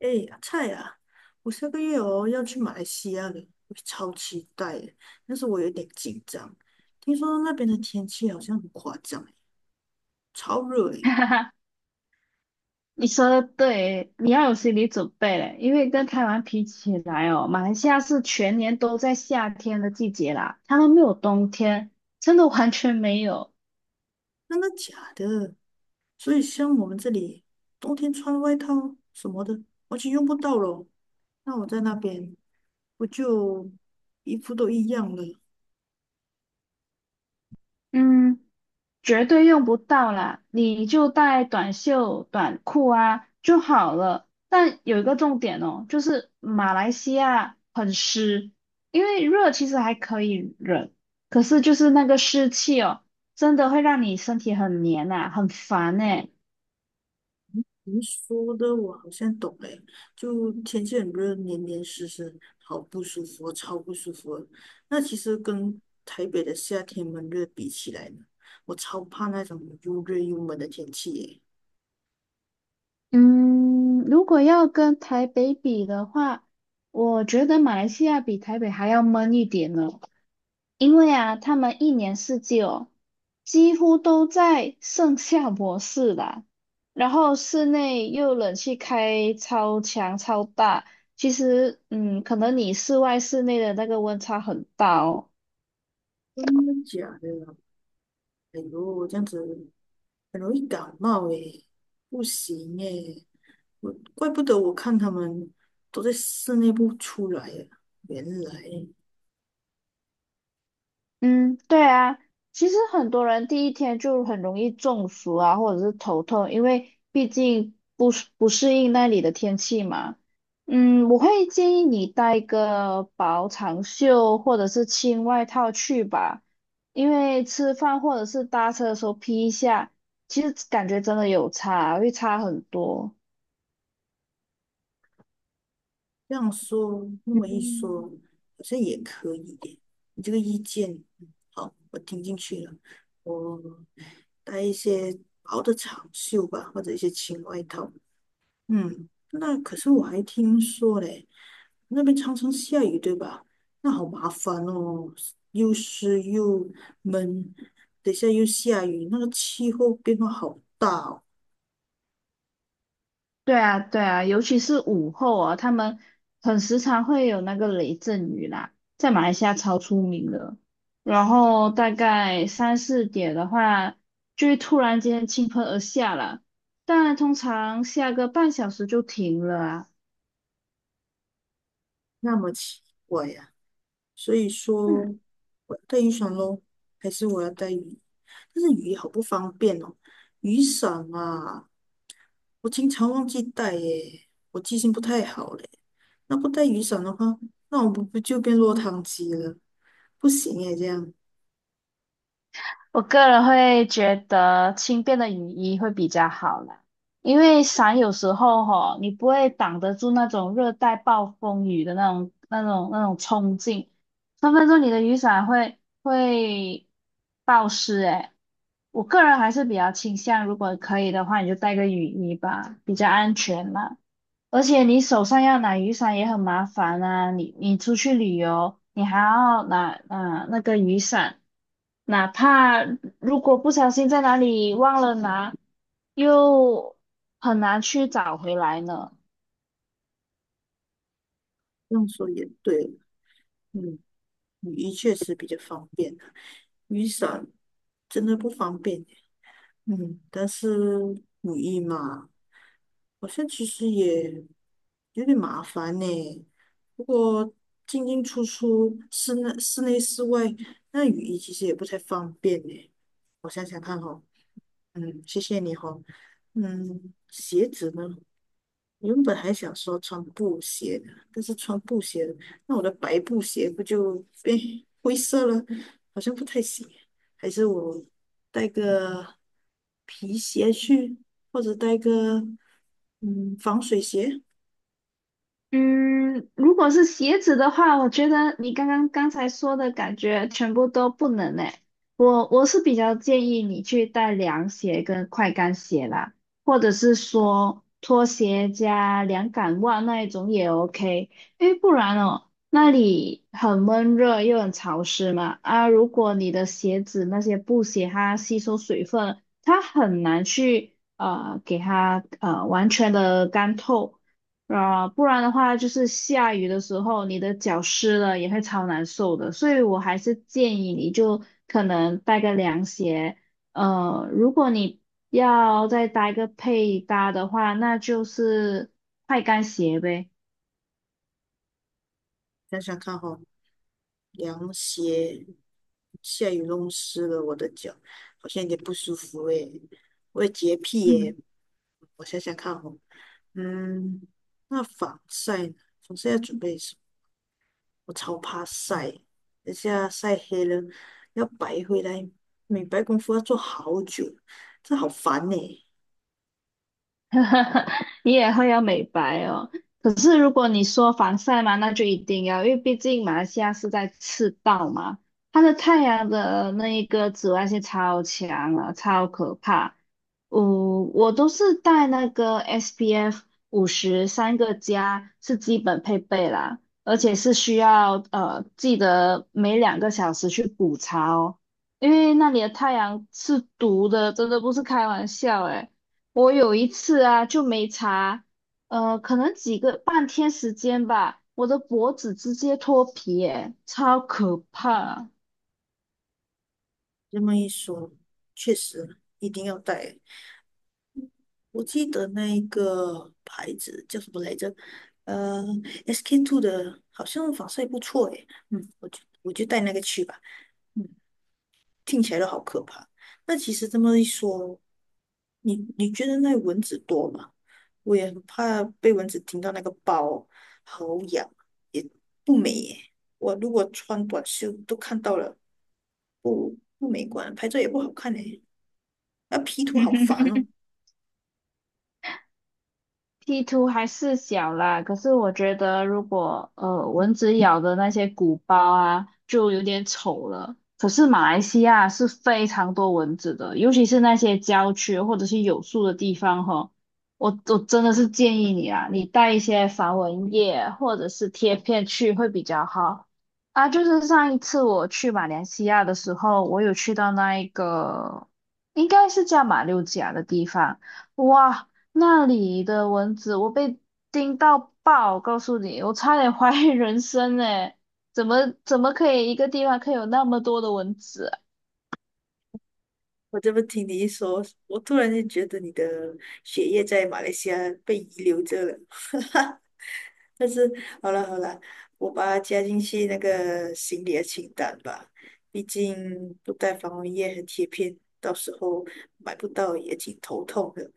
哎呀，菜啊！我下个月哦要去马来西亚了，我超期待耶！但是我有点紧张，听说那边的天气好像很夸张耶，超热 诶，哈哈，你说的对，你要有心理准备嘞，因为跟台湾比起来哦，马来西亚是全年都在夏天的季节啦，他们没有冬天，真的完全没有。真的假的？所以像我们这里冬天穿外套什么的完全用不到咯。那我在那边不就衣服都一样了？嗯，绝对用不到啦，你就带短袖、短裤啊就好了。但有一个重点哦，就是马来西亚很湿，因为热其实还可以忍，可是就是那个湿气哦。真的会让你身体很黏呐、很烦呢。您说的我好像懂诶，就天气很热，黏黏湿湿，好不舒服哦超不舒服的。那其实跟台北的夏天闷热比起来呢，我超怕那种又热又闷的天气耶。嗯，如果要跟台北比的话，我觉得马来西亚比台北还要闷一点呢。因为啊，他们一年四季哦，几乎都在盛夏模式啦。然后室内又冷气开超强超大，其实可能你室外室内的那个温差很大哦。真的假的啊？哎呦，这样子很容易感冒诶，不行诶，我怪不得我看他们都在室内不出来呀，原来。嗯，对啊，其实很多人第一天就很容易中暑啊，或者是头痛，因为毕竟不适应那里的天气嘛。嗯，我会建议你带一个薄长袖或者是轻外套去吧，因为吃饭或者是搭车的时候披一下，其实感觉真的有差，会差很多。这样说，那么一说，嗯好像也可以耶。你这个意见，嗯好，我听进去了。我带一些薄的长袖吧，或者一些轻外套。嗯，那可是我还听说嘞，那边常常下雨，对吧？那好麻烦哦，又湿又闷，等一下又下雨，那个气候变化好大哦，对啊，对啊，尤其是午后啊，他们很时常会有那个雷阵雨啦，在马来西亚超出名的。然后大概三四点的话，就会突然间倾盆而下了，但通常下个半小时就停了啊。那么奇怪呀、所以说我要带雨伞咯，还是我要带雨？但是雨衣好不方便哦，雨伞啊，我经常忘记带耶，我记性不太好嘞。那不带雨伞的话，那我不就变落汤鸡了？不行耶，这样我个人会觉得轻便的雨衣会比较好啦，因为伞有时候吼，你不会挡得住那种热带暴风雨的那种冲劲，分分钟你的雨伞会暴湿诶。我个人还是比较倾向，如果可以的话，你就带个雨衣吧，比较安全啦。而且你手上要拿雨伞也很麻烦啊，你出去旅游，你还要拿啊那个雨伞，哪怕如果不小心在哪里忘了拿，又很难去找回来呢。这样说也对。嗯，雨衣确实比较方便啊，雨伞真的不方便。嗯，但是雨衣嘛，好像其实也有点麻烦呢。不过进进出出室内、室外，那雨衣其实也不太方便呢。我想想看哦，嗯，谢谢你哦。嗯，鞋子呢？原本还想说穿布鞋的，但是穿布鞋那我的白布鞋不就变 灰色了？好像不太行。还是我带个皮鞋去，或者带个防水鞋。嗯，如果是鞋子的话，我觉得你刚才说的感觉全部都不能诶。我是比较建议你去带凉鞋跟快干鞋啦，或者是说拖鞋加凉感袜那一种也 OK，因为不然哦，那里很闷热又很潮湿嘛。啊，如果你的鞋子那些布鞋它吸收水分，它很难去给它完全的干透。啊，不然的话就是下雨的时候，你的脚湿了也会超难受的，所以我还是建议你就可能带个凉鞋。如果你要再搭一个配搭的话，那就是快干鞋呗。想想看哈、凉鞋，下雨弄湿了我的脚，好像有点不舒服诶。我有洁癖耶，我想想看哈、嗯，那防晒呢？防晒要准备什么？我超怕晒，等下晒黑了要白回来，美白功夫要做好久，这好烦呢、你也会要美白哦。可是如果你说防晒嘛，那就一定要，因为毕竟马来西亚是在赤道嘛，它的太阳的那一个紫外线超强啊，超可怕。我都是带那个 SPF50三个加，是基本配备啦，而且是需要记得每2个小时去补擦哦，因为那里的太阳是毒的，真的不是开玩笑诶。我有一次啊，就没查，可能几个半天时间吧，我的脖子直接脱皮，哎，超可怕。这么一说，确实一定要带。我记得那一个牌子叫什么来着？呃，SK2 的，好像防晒不错诶。嗯，我就带那个去吧。嗯。听起来都好可怕。那其实这么一说，你觉得那蚊子多吗？我也很怕被蚊子叮到那个包，好痒，也不美耶。我如果穿短袖都看到了，不美观，拍照也不好看诶。那 P 图好烦 哦。P 图还是小啦，可是我觉得如果蚊子咬的那些鼓包啊，就有点丑了。可是马来西亚是非常多蚊子的，尤其是那些郊区或者是有树的地方哈，我真的是建议你啊，你带一些防蚊液或者是贴片去会比较好。啊，就是上一次我去马来西亚的时候，我有去到那一个应该是叫马六甲的地方。哇，那里的蚊子，我被叮到爆，我告诉你，我差点 怀疑人生诶，怎么可以一个地方可以有那么多的蚊子啊。我这么听你一说，我突然间觉得你的血液在马来西亚被遗留着了。但是好了好了，我把它加进去那个行李的清单吧。毕竟不带防蚊液和贴片，到时候买不到也挺头痛的。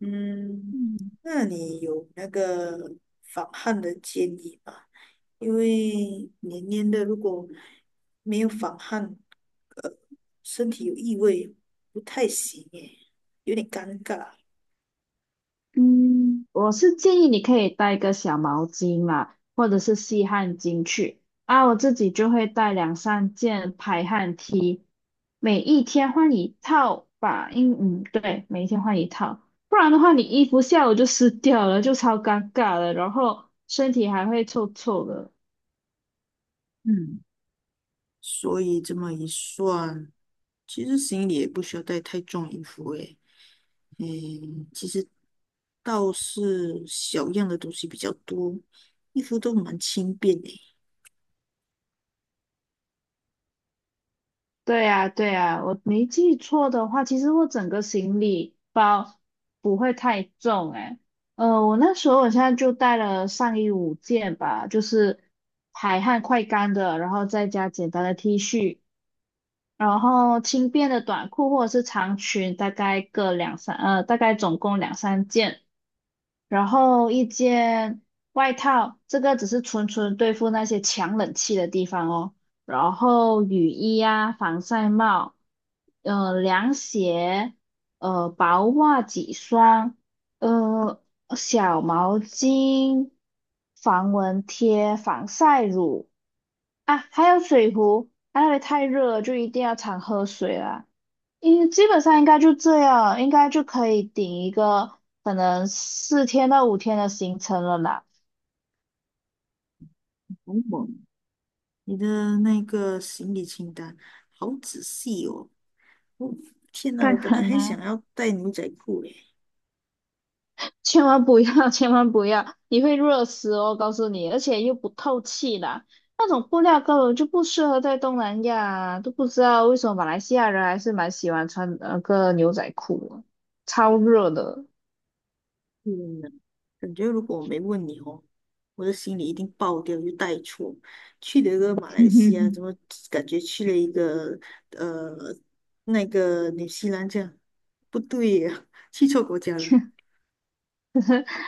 嗯，嗯，那你有那个防汗的建议吗？因为黏黏的，如果没有防汗，呃，身体有异味，不太行耶，有点尴尬。嗯，我是建议你可以带个小毛巾啦，或者是吸汗巾去。啊，我自己就会带两三件排汗 T，每一天换一套吧。对，每一天换一套，不然的话你衣服下午就湿掉了，就超尴尬了，然后身体还会臭臭的。嗯。所以这么一算，其实行李也不需要带太重衣服诶。嗯，其实倒是小样的东西比较多，衣服都蛮轻便诶。对呀，对呀，我没记错的话，其实我整个行李包不会太重诶。我那时候我现在就带了上衣5件吧，就是排汗快干的，然后再加简单的 T 恤，然后轻便的短裤或者是长裙，大概各两三，大概总共两三件，然后一件外套，这个只是纯纯对付那些强冷气的地方哦。然后雨衣啊，防晒帽，凉鞋，薄袜几双，呃，小毛巾，防蚊贴，防晒乳啊，还有水壶，因为太热了就一定要常喝水啦。基本上应该就这样，应该就可以顶一个可能4天到5天的行程了啦。萌萌，你的那个行李清单好仔细哦。哦，天哪，当我本可来还想能，要带牛仔裤诶。千万不要，千万不要，你会热死哦，告诉你，而且又不透气啦。那种布料根本就不适合在东南亚，啊都不知道为什么马来西亚人还是蛮喜欢穿那个牛仔裤啊，超热的。嗯，感觉如果我没问你哦，我的心里一定爆掉，就带错。去了一个马来西亚，怎 么感觉去了一个呃那个纽西兰这样？不对呀，去错国家了。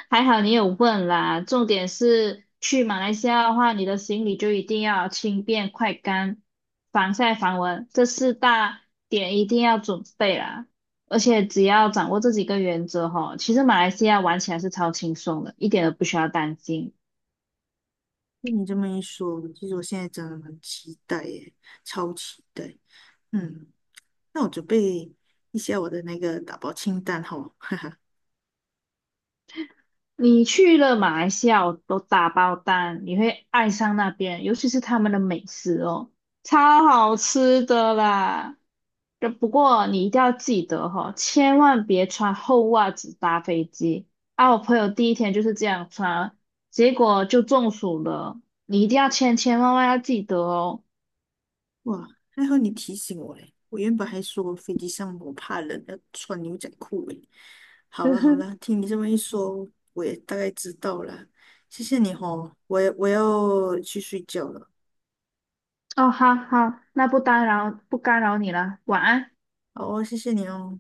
还好你有问啦，重点是去马来西亚的话，你的行李就一定要轻便、快干、防晒、防蚊，这四大点一定要准备啦。而且只要掌握这几个原则哈，其实马来西亚玩起来是超轻松的，一点都不需要担心。被你这么一说，其实我现在真的很期待耶，超期待。嗯，那我准备一下我的那个打包清单哈。你去了马来西亚，我都打包单，你会爱上那边，尤其是他们的美食哦，超好吃的啦。这不过你一定要记得哈、哦千万别穿厚袜子搭飞机。啊，我朋友第一天就是这样穿，结果就中暑了。你一定要千千万万要记得哦。哇，还好你提醒我嘞！我原本还说飞机上我怕冷，要穿牛仔裤嘞。好了好了，听你这么一说，我也大概知道了。谢谢你哦，我要去睡觉了。哦，好好，那不干扰你了，晚安。好哦，谢谢你哦。